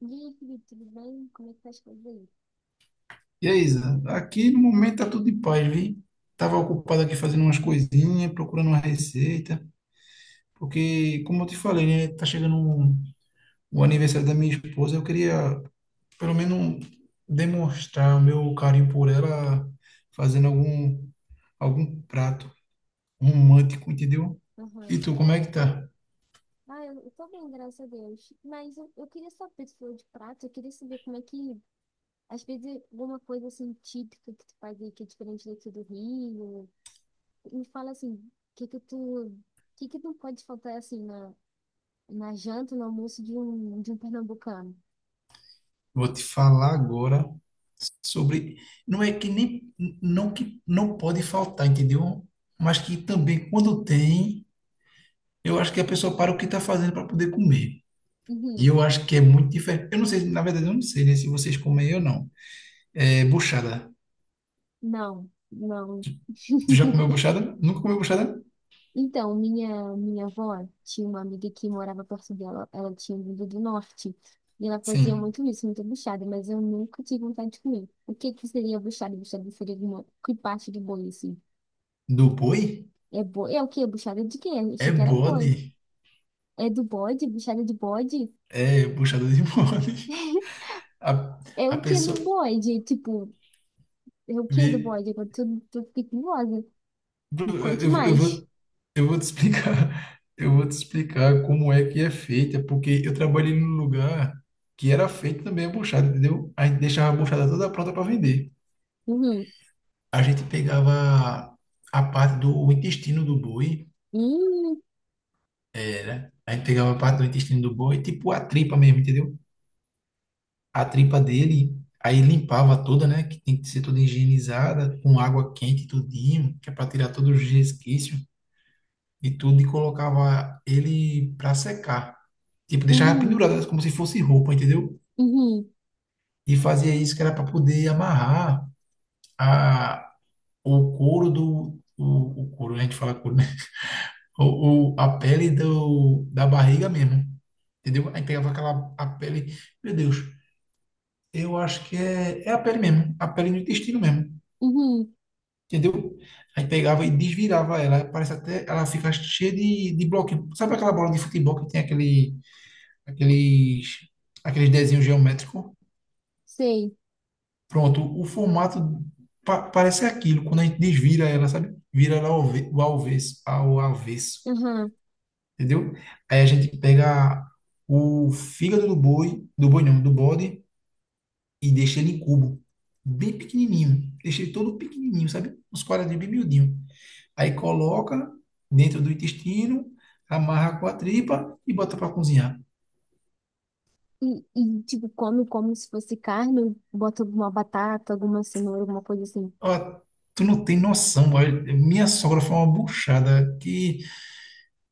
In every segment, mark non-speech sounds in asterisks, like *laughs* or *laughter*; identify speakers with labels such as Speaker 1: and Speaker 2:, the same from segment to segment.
Speaker 1: E aí, Felipe, tudo bem? Como é que tá as coisas aí?
Speaker 2: E aí, Isa, aqui no momento tá tudo em paz, vi? Tava ocupado aqui fazendo umas coisinhas, procurando uma receita, porque, como eu te falei, né, tá chegando o aniversário da minha esposa, eu queria, pelo menos, demonstrar o meu carinho por ela fazendo algum prato romântico, entendeu? E
Speaker 1: Aham.
Speaker 2: tu, como é que tá?
Speaker 1: Ah, eu tô bem, graças a Deus. Mas eu queria saber, tu falou de prato, eu queria saber como é que, às vezes, alguma coisa assim típica que tu faz aí que é diferente daqui do Rio. Me fala assim, o que que tu, o que que não pode faltar assim na janta, no almoço de um pernambucano?
Speaker 2: Vou te falar agora sobre não é que nem não que não pode faltar, entendeu? Mas que também quando tem eu acho que a pessoa para o que está fazendo para poder comer. E
Speaker 1: Uhum.
Speaker 2: eu acho que é muito diferente. Eu não sei, na verdade, eu não sei, né, se vocês comem ou não. É buchada.
Speaker 1: Não, não.
Speaker 2: Tu
Speaker 1: *laughs*
Speaker 2: já comeu buchada? Nunca comeu buchada?
Speaker 1: Então, minha avó tinha uma amiga que morava perto dela, ela tinha vindo do norte, e ela fazia
Speaker 2: Sim.
Speaker 1: muito isso, muita buchada, mas eu nunca tive vontade de comer. O que que seria buchada? Buchada seria uma que parte de boi, assim.
Speaker 2: Do boi?
Speaker 1: É boi? É o quê? Buchada de quê?
Speaker 2: É
Speaker 1: Achei que era boi.
Speaker 2: bode.
Speaker 1: É do bode? Buchada de bode?
Speaker 2: É buchada de *laughs* bode.
Speaker 1: *laughs*
Speaker 2: A,
Speaker 1: É
Speaker 2: a
Speaker 1: o que
Speaker 2: pessoa.
Speaker 1: do bode? Tipo, é o que do
Speaker 2: vê-
Speaker 1: bode? Agora tu fiquei curiosa.
Speaker 2: Eu,
Speaker 1: Me conte
Speaker 2: vou- eu
Speaker 1: mais.
Speaker 2: vou, eu vou te explicar. *laughs* Eu vou te explicar como é que é feita, porque eu trabalhei num lugar que era feito também a buchada, entendeu? A gente deixava a buchada toda pronta para vender.
Speaker 1: Uhum.
Speaker 2: A gente pegava a parte do intestino do boi,
Speaker 1: Uhum.
Speaker 2: era. A gente pegava a parte do intestino do boi, tipo a tripa mesmo, entendeu? A tripa dele, aí limpava toda, né? Que tem que ser toda higienizada, com água quente, tudinho, que é para tirar todos os resquícios e tudo, e colocava ele para secar. Tipo, deixava
Speaker 1: Uhum.
Speaker 2: pendurado como se fosse roupa, entendeu?
Speaker 1: Uhum.
Speaker 2: E fazia isso que era para poder amarrar a, o couro do. O couro, né? A gente fala couro, né? Ou a pele do, da barriga mesmo, entendeu? Aí pegava aquela a pele, meu Deus, eu acho que é, é a pele mesmo, a pele do intestino mesmo,
Speaker 1: Uhum.
Speaker 2: entendeu? Aí pegava e desvirava ela, parece até, ela fica cheia de bloquinho. Sabe aquela bola de futebol que tem aquele, aqueles, aqueles desenhos geométricos?
Speaker 1: Sei.
Speaker 2: Pronto, o formato parece aquilo, quando a gente desvira ela, sabe? Vira ela ao, ao avesso, ao avesso.
Speaker 1: Aham.
Speaker 2: Entendeu? Aí a gente pega o fígado do boi não, do bode, e deixa ele em cubo, bem pequenininho. Deixa ele todo pequenininho, sabe? Uns quadradinhos bem miudinho. Aí coloca dentro do intestino, amarra com a tripa e bota para cozinhar.
Speaker 1: E, tipo, come como se fosse carne, bota alguma batata, alguma cenoura, alguma coisa assim.
Speaker 2: Ó, tu não tem noção, velho. Minha sogra foi uma buchada que...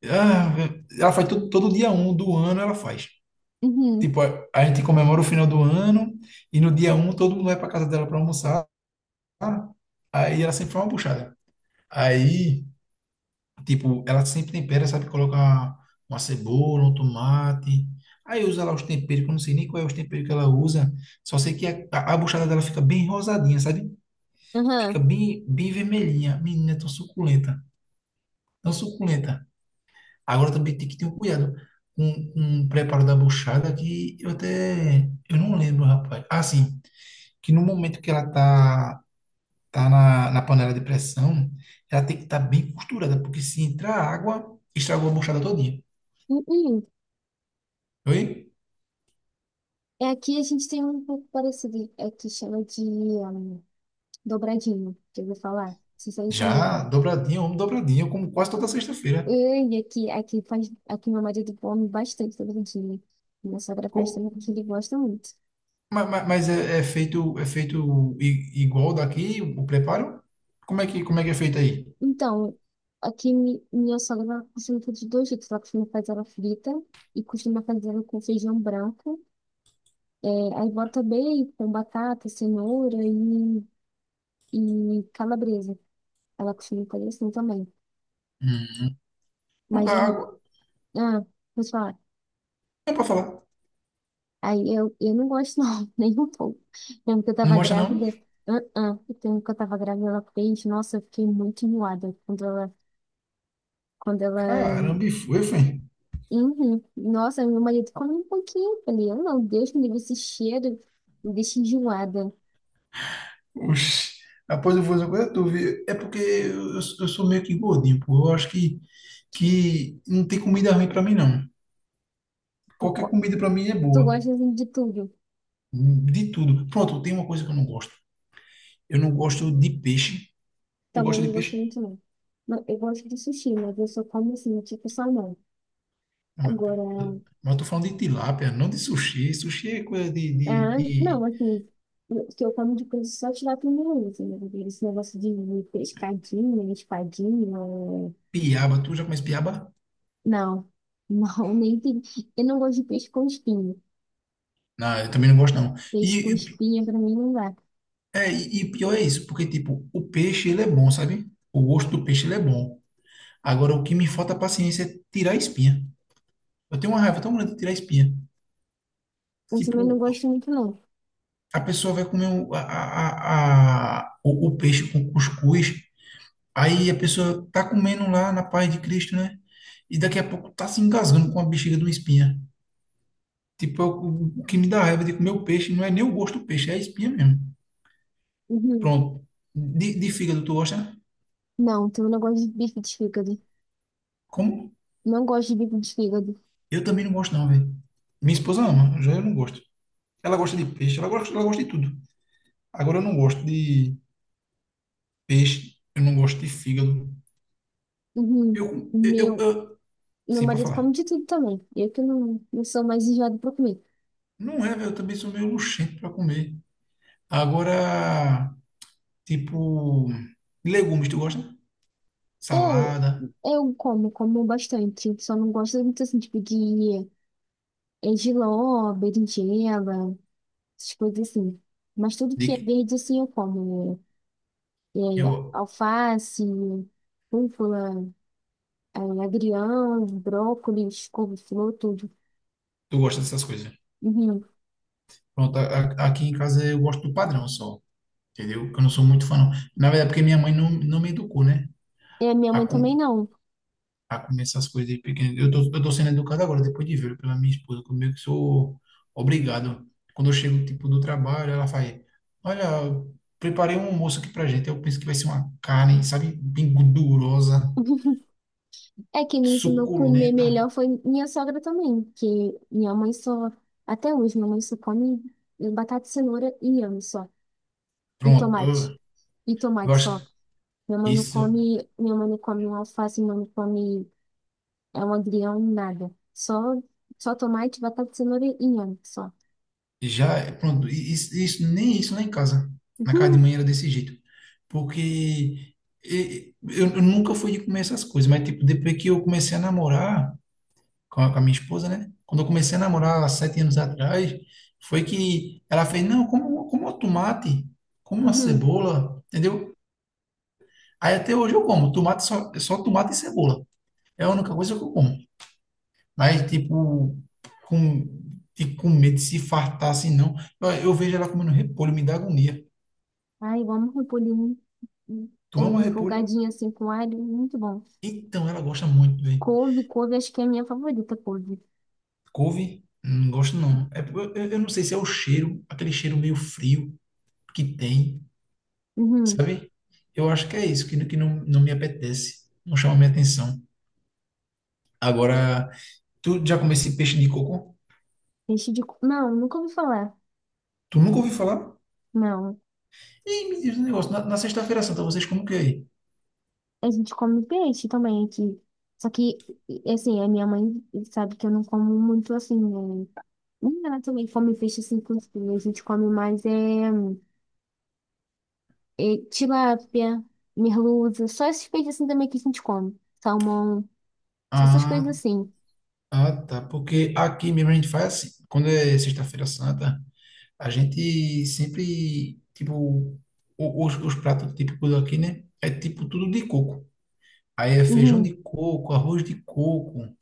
Speaker 2: ah, ela faz todo dia um do ano, ela faz.
Speaker 1: Uhum,
Speaker 2: Tipo, a gente comemora o final do ano e no dia um todo mundo vai para casa dela para almoçar. Ah, aí ela sempre faz uma buchada. Aí, tipo, ela sempre tempera, sabe? Coloca uma cebola, um tomate. Aí usa lá os temperos, que eu não sei nem qual é os temperos que ela usa. Só sei que a buchada dela fica bem rosadinha, sabe?
Speaker 1: aham.
Speaker 2: Fica bem, bem vermelhinha. Menina, é tão suculenta. Tão suculenta. Agora também tem que ter um cuidado com o preparo da buchada que eu até... Eu não lembro, rapaz. Ah, sim. Que no momento que ela tá na, na panela de pressão, ela tem que estar bem costurada, porque se entrar água, estragou a buchada todinha.
Speaker 1: Uhum.
Speaker 2: Oi?
Speaker 1: É, aqui a gente tem um pouco parecido, é que chama de dobradinho, que eu vou falar. Isso aí também.
Speaker 2: Já dobradinha, homem dobradinha, eu como quase toda sexta-feira.
Speaker 1: E aqui, aqui faz, aqui meu marido come bastante dobradinho. Minha sogra faz
Speaker 2: Co-
Speaker 1: também, porque ele gosta muito.
Speaker 2: Mas, é, é feito igual daqui, o preparo? Como é que é feito aí?
Speaker 1: Então, aqui minha sogra ela costuma fazer de dois jeitos. Ela costuma fazer ela frita e costuma fazer ela com feijão branco. É, aí bota bacon, batata, cenoura e calabresa. Ela costuma fazer assim também.
Speaker 2: Hum. Não
Speaker 1: Mas
Speaker 2: dá
Speaker 1: eu.
Speaker 2: água.
Speaker 1: Ah, vou te falar.
Speaker 2: Não é pra falar.
Speaker 1: Aí eu não gosto, não, *laughs* nem um pouco. Lembro que eu
Speaker 2: Não
Speaker 1: tava
Speaker 2: gosta, não?
Speaker 1: grávida. Ah, ah. O tempo que eu tava grávida, ela fez. Nossa, eu fiquei muito enjoada quando ela. Quando ela.
Speaker 2: Caramba, e foi, foi.
Speaker 1: Uhum. Nossa, meu marido come um pouquinho. Eu falei, eu não, Deus me livre esse cheiro. Me deixa enjoada.
Speaker 2: Oxi. Após eu vou fazer uma coisa, tu vê. É porque eu sou meio que gordinho, pô. Eu acho que não tem comida ruim pra mim, não.
Speaker 1: Tu,
Speaker 2: Qualquer
Speaker 1: co-
Speaker 2: comida para mim é
Speaker 1: Tu
Speaker 2: boa.
Speaker 1: gosta assim, de tudo.
Speaker 2: De tudo. Pronto, tem uma coisa que eu não gosto. Eu não gosto de peixe. Tu
Speaker 1: Também
Speaker 2: gosta de
Speaker 1: não gosto
Speaker 2: peixe?
Speaker 1: muito, não. Não, eu gosto de sushi, mas eu só como assim, tipo salmão.
Speaker 2: Não, mas peraí.
Speaker 1: Agora,
Speaker 2: Mas eu tô falando de tilápia, não de sushi. Sushi é coisa
Speaker 1: ah, não,
Speaker 2: de
Speaker 1: assim, o que eu como de coisa só tirar primeiro, assim, né? Esse negócio de pescadinha, espadinha.
Speaker 2: piaba. Tu já conhece piaba?
Speaker 1: Não, não, *laughs* nem tem. Eu não gosto de peixe com espinho.
Speaker 2: Não, eu também não gosto, não.
Speaker 1: Peixe com
Speaker 2: E,
Speaker 1: espinha pra mim não dá.
Speaker 2: é, e pior é isso, porque, tipo, o peixe, ele é bom, sabe? O gosto do peixe, ele é bom. Agora, o que me falta paciência é tirar a espinha. Eu tenho uma raiva tão grande de tirar a espinha.
Speaker 1: Eu também
Speaker 2: Tipo,
Speaker 1: não gosto muito, não.
Speaker 2: a pessoa vai comer o, a, o peixe com cuscuz, aí a pessoa tá comendo lá na paz de Cristo, né? E daqui a pouco tá se engasgando com a bexiga de uma espinha. Tipo, é o que me dá raiva de comer o peixe não é nem o gosto do peixe, é a espinha mesmo.
Speaker 1: Uhum.
Speaker 2: Pronto. De fígado, tu gosta? Né?
Speaker 1: Não, então eu não gosto de bife de fígado.
Speaker 2: Como?
Speaker 1: Não gosto de bife de fígado.
Speaker 2: Eu também não gosto, não, velho. Minha esposa ama, já eu não gosto. Ela gosta de peixe, ela gosta de tudo. Agora eu não gosto de peixe, eu não gosto de fígado.
Speaker 1: Uhum.
Speaker 2: Eu, eu, eu,
Speaker 1: Meu.
Speaker 2: eu
Speaker 1: E meu
Speaker 2: sim, para
Speaker 1: marido come
Speaker 2: falar.
Speaker 1: de tudo também. Eu que não, não sou mais enjoada pra comer.
Speaker 2: Não é, velho, eu também sou meio luxento pra comer. Agora, tipo, legumes, tu gosta?
Speaker 1: Eu,
Speaker 2: Salada,
Speaker 1: eu como, como bastante. Só não gosto muito assim, tipo, de jiló, berinjela, essas coisas assim. Mas tudo que é
Speaker 2: de...
Speaker 1: verde, assim, eu como. É,
Speaker 2: eu,
Speaker 1: alface, rúcula, agrião, brócolis, couve-flor, tudo.
Speaker 2: tu gosta dessas coisas.
Speaker 1: Uhum.
Speaker 2: Pronto, aqui em casa eu gosto do padrão só, entendeu? Que eu não sou muito fã, não. Na verdade, porque minha mãe não, não me educou, né?
Speaker 1: E a minha
Speaker 2: A,
Speaker 1: mãe também
Speaker 2: com-
Speaker 1: não.
Speaker 2: a comer essas coisas de pequeno. Eu tô sendo educado agora, depois de ver pela minha esposa, que eu meio que sou obrigado. Quando eu chego, tipo, do trabalho, ela faz, olha, preparei um almoço aqui pra gente. Eu penso que vai ser uma carne, sabe, bem gordurosa,
Speaker 1: *laughs* É, quem me ensinou a comer
Speaker 2: suculenta.
Speaker 1: melhor foi minha sogra também, que minha mãe só, até hoje, minha mãe só come batata, cenoura e inhame só, e
Speaker 2: Pronto,
Speaker 1: tomate, e
Speaker 2: eu
Speaker 1: tomate só.
Speaker 2: acho
Speaker 1: Minha
Speaker 2: que
Speaker 1: mãe não
Speaker 2: isso
Speaker 1: come, minha mãe não come um alface, minha mãe não come é um agrião, nada. Só, só tomate, batata, cenoura e inhame só.
Speaker 2: já, pronto, isso, nem isso, nem em casa. Na casa de
Speaker 1: Uhum,
Speaker 2: manhã era desse jeito. Porque... eu nunca fui de comer essas coisas, mas tipo, depois que eu comecei a namorar, com a minha esposa, né? Quando eu comecei a namorar há sete anos atrás, foi que ela fez, não, como, como o tomate, como uma
Speaker 1: uhum.
Speaker 2: cebola, entendeu? Aí até hoje eu como, tomate só, é só tomate e cebola. É a única coisa que eu como. Mas, com, tipo, com medo de se fartar assim, não. Eu vejo ela comendo repolho, me dá agonia.
Speaker 1: Ai, eu amo repolho, é,
Speaker 2: Tu ama repolho?
Speaker 1: refogadinho assim com alho, muito bom.
Speaker 2: Então, ela gosta muito, velho.
Speaker 1: Couve, acho que é a minha favorita, couve.
Speaker 2: Couve? Não gosto, não. É, eu, eu não sei se é o cheiro, aquele cheiro meio frio que tem.
Speaker 1: Uhum.
Speaker 2: Sabe? Eu acho que é isso que não, não me apetece, não chama minha atenção. Agora, tu já comeu esse peixe de coco?
Speaker 1: Peixe de... Não, nunca ouvi falar.
Speaker 2: Tu nunca ouviu falar?
Speaker 1: Não,
Speaker 2: Ih, me diz um negócio, na, na sexta-feira santa vocês comem o que aí?
Speaker 1: a gente come peixe também aqui. Só que, assim, a minha mãe sabe que eu não como muito assim, né? Nem ela também come peixe assim com espinha. A gente come mais é, é tilápia, merluza, só esses peixes assim também que a gente come. Salmão, só essas coisas
Speaker 2: Ah,
Speaker 1: assim.
Speaker 2: ah, tá, porque aqui mesmo a gente faz assim, quando é sexta-feira santa, a gente sempre, tipo, os pratos típicos aqui, né? É tipo tudo de coco. Aí é feijão
Speaker 1: Uhum.
Speaker 2: de coco, arroz de coco,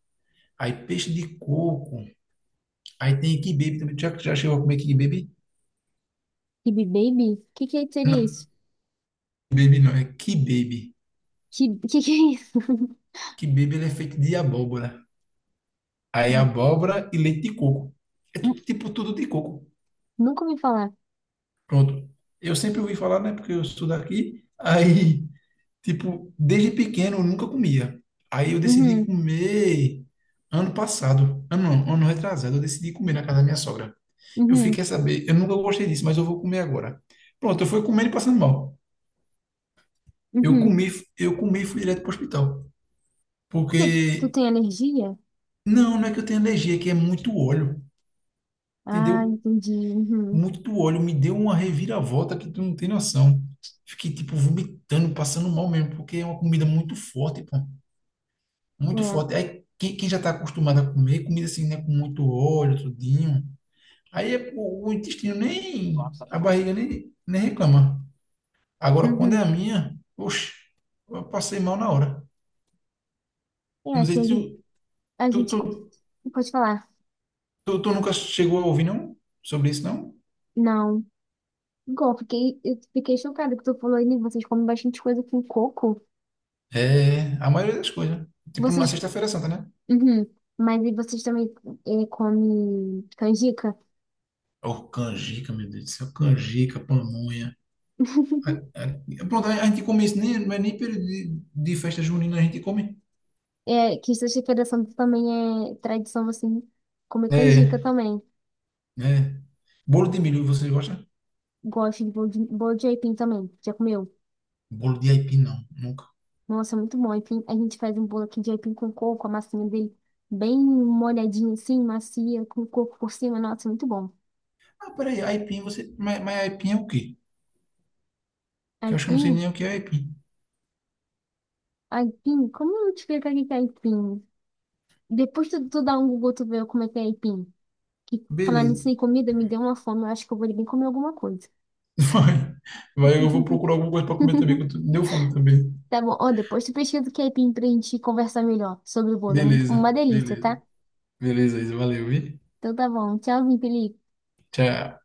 Speaker 2: aí peixe de coco, aí tem quibe também. Já, já chegou a comer quibe?
Speaker 1: Kibe baby? O que que seria
Speaker 2: Não,
Speaker 1: isso?
Speaker 2: baby não, é kibbaby.
Speaker 1: Que *laughs* que é isso? *laughs*
Speaker 2: Kibbaby ele é feito de abóbora. Aí
Speaker 1: Não,
Speaker 2: abóbora e leite de coco. É
Speaker 1: nu-
Speaker 2: tudo, tipo tudo de coco.
Speaker 1: nunca ouvi falar.
Speaker 2: Pronto. Eu sempre ouvi falar, né? Porque eu sou daqui. Aí, tipo, desde pequeno eu nunca comia. Aí eu decidi
Speaker 1: Uhum,
Speaker 2: comer ano passado. Ano, não, ano retrasado, eu decidi comer na casa da minha sogra. Eu
Speaker 1: uhum,
Speaker 2: fiquei a saber, eu nunca gostei disso, mas eu vou comer agora. Pronto, eu fui comendo e passando mal. Eu
Speaker 1: uhum.
Speaker 2: comi, eu comi e fui direto para o hospital.
Speaker 1: Porque tu
Speaker 2: Porque
Speaker 1: tem alergia?
Speaker 2: não, não é que eu tenho alergia, é que é muito óleo,
Speaker 1: Ah,
Speaker 2: entendeu?
Speaker 1: entendi. Uhum.
Speaker 2: Muito óleo. Me deu uma reviravolta que tu não tem noção. Fiquei, tipo, vomitando, passando mal mesmo, porque é uma comida muito forte, pô. Muito
Speaker 1: É.
Speaker 2: forte. Aí, quem, quem já tá acostumado a comer comida assim, né, com muito óleo, tudinho, aí o intestino nem, a barriga nem, nem reclama. Agora, quando é
Speaker 1: Uhum.
Speaker 2: a minha, oxe, eu passei mal na hora.
Speaker 1: É,
Speaker 2: Não
Speaker 1: aqui
Speaker 2: sei se tu,
Speaker 1: a
Speaker 2: tu,
Speaker 1: gente
Speaker 2: tu,
Speaker 1: pode falar.
Speaker 2: tu nunca chegou a ouvir, não? Sobre isso, não?
Speaker 1: Não. Igual, eu fiquei chocada que tu falou aí, né? Vocês comem bastante coisa com coco.
Speaker 2: É a maioria das coisas. Né? Tipo, numa
Speaker 1: Vocês.
Speaker 2: Sexta-feira Santa, né?
Speaker 1: Uhum. Mas e vocês também comem canjica?
Speaker 2: Oh, canjica, meu Deus do céu. Canjica, pamonha.
Speaker 1: *laughs*
Speaker 2: Pronto, a gente come isso, nem, não é nem período de festa junina, a gente come.
Speaker 1: É, que sexta-feira também é tradição, assim, comer canjica
Speaker 2: É,
Speaker 1: também.
Speaker 2: é. Bolo de milho, vocês gostam?
Speaker 1: Gosto de bolo de, bolo de aipim também. Já comeu?
Speaker 2: Bolo de aipim, não, nunca.
Speaker 1: Nossa, é muito bom. Aipim, a gente faz um bolo aqui de aipim com coco, a massinha dele bem molhadinha assim, macia, com coco por cima. Nossa, é muito bom.
Speaker 2: Ah, peraí, aipim, você... mas aipim é o quê? Que eu acho que eu não sei
Speaker 1: Aipim.
Speaker 2: nem o que é aipim.
Speaker 1: Aipim? Como eu te explicar o que que é aipim? Depois tu dá um Google, tu vê como é que é aipim. Que falar nisso
Speaker 2: Beleza.
Speaker 1: em comida me deu uma fome, eu acho que eu vou ali bem comer alguma coisa.
Speaker 2: *laughs* Vai, vai, eu vou procurar alguma coisa pra comer também, que eu
Speaker 1: *laughs*
Speaker 2: deu fome também.
Speaker 1: Tá bom, ó, depois tu pesquisa o que é aipim pra gente conversar melhor sobre o bolo. É muito,
Speaker 2: Beleza,
Speaker 1: uma delícia,
Speaker 2: beleza.
Speaker 1: tá?
Speaker 2: Beleza, Isa, valeu, vi?
Speaker 1: Então tá bom, tchauzinho, Felipe.
Speaker 2: Tchau.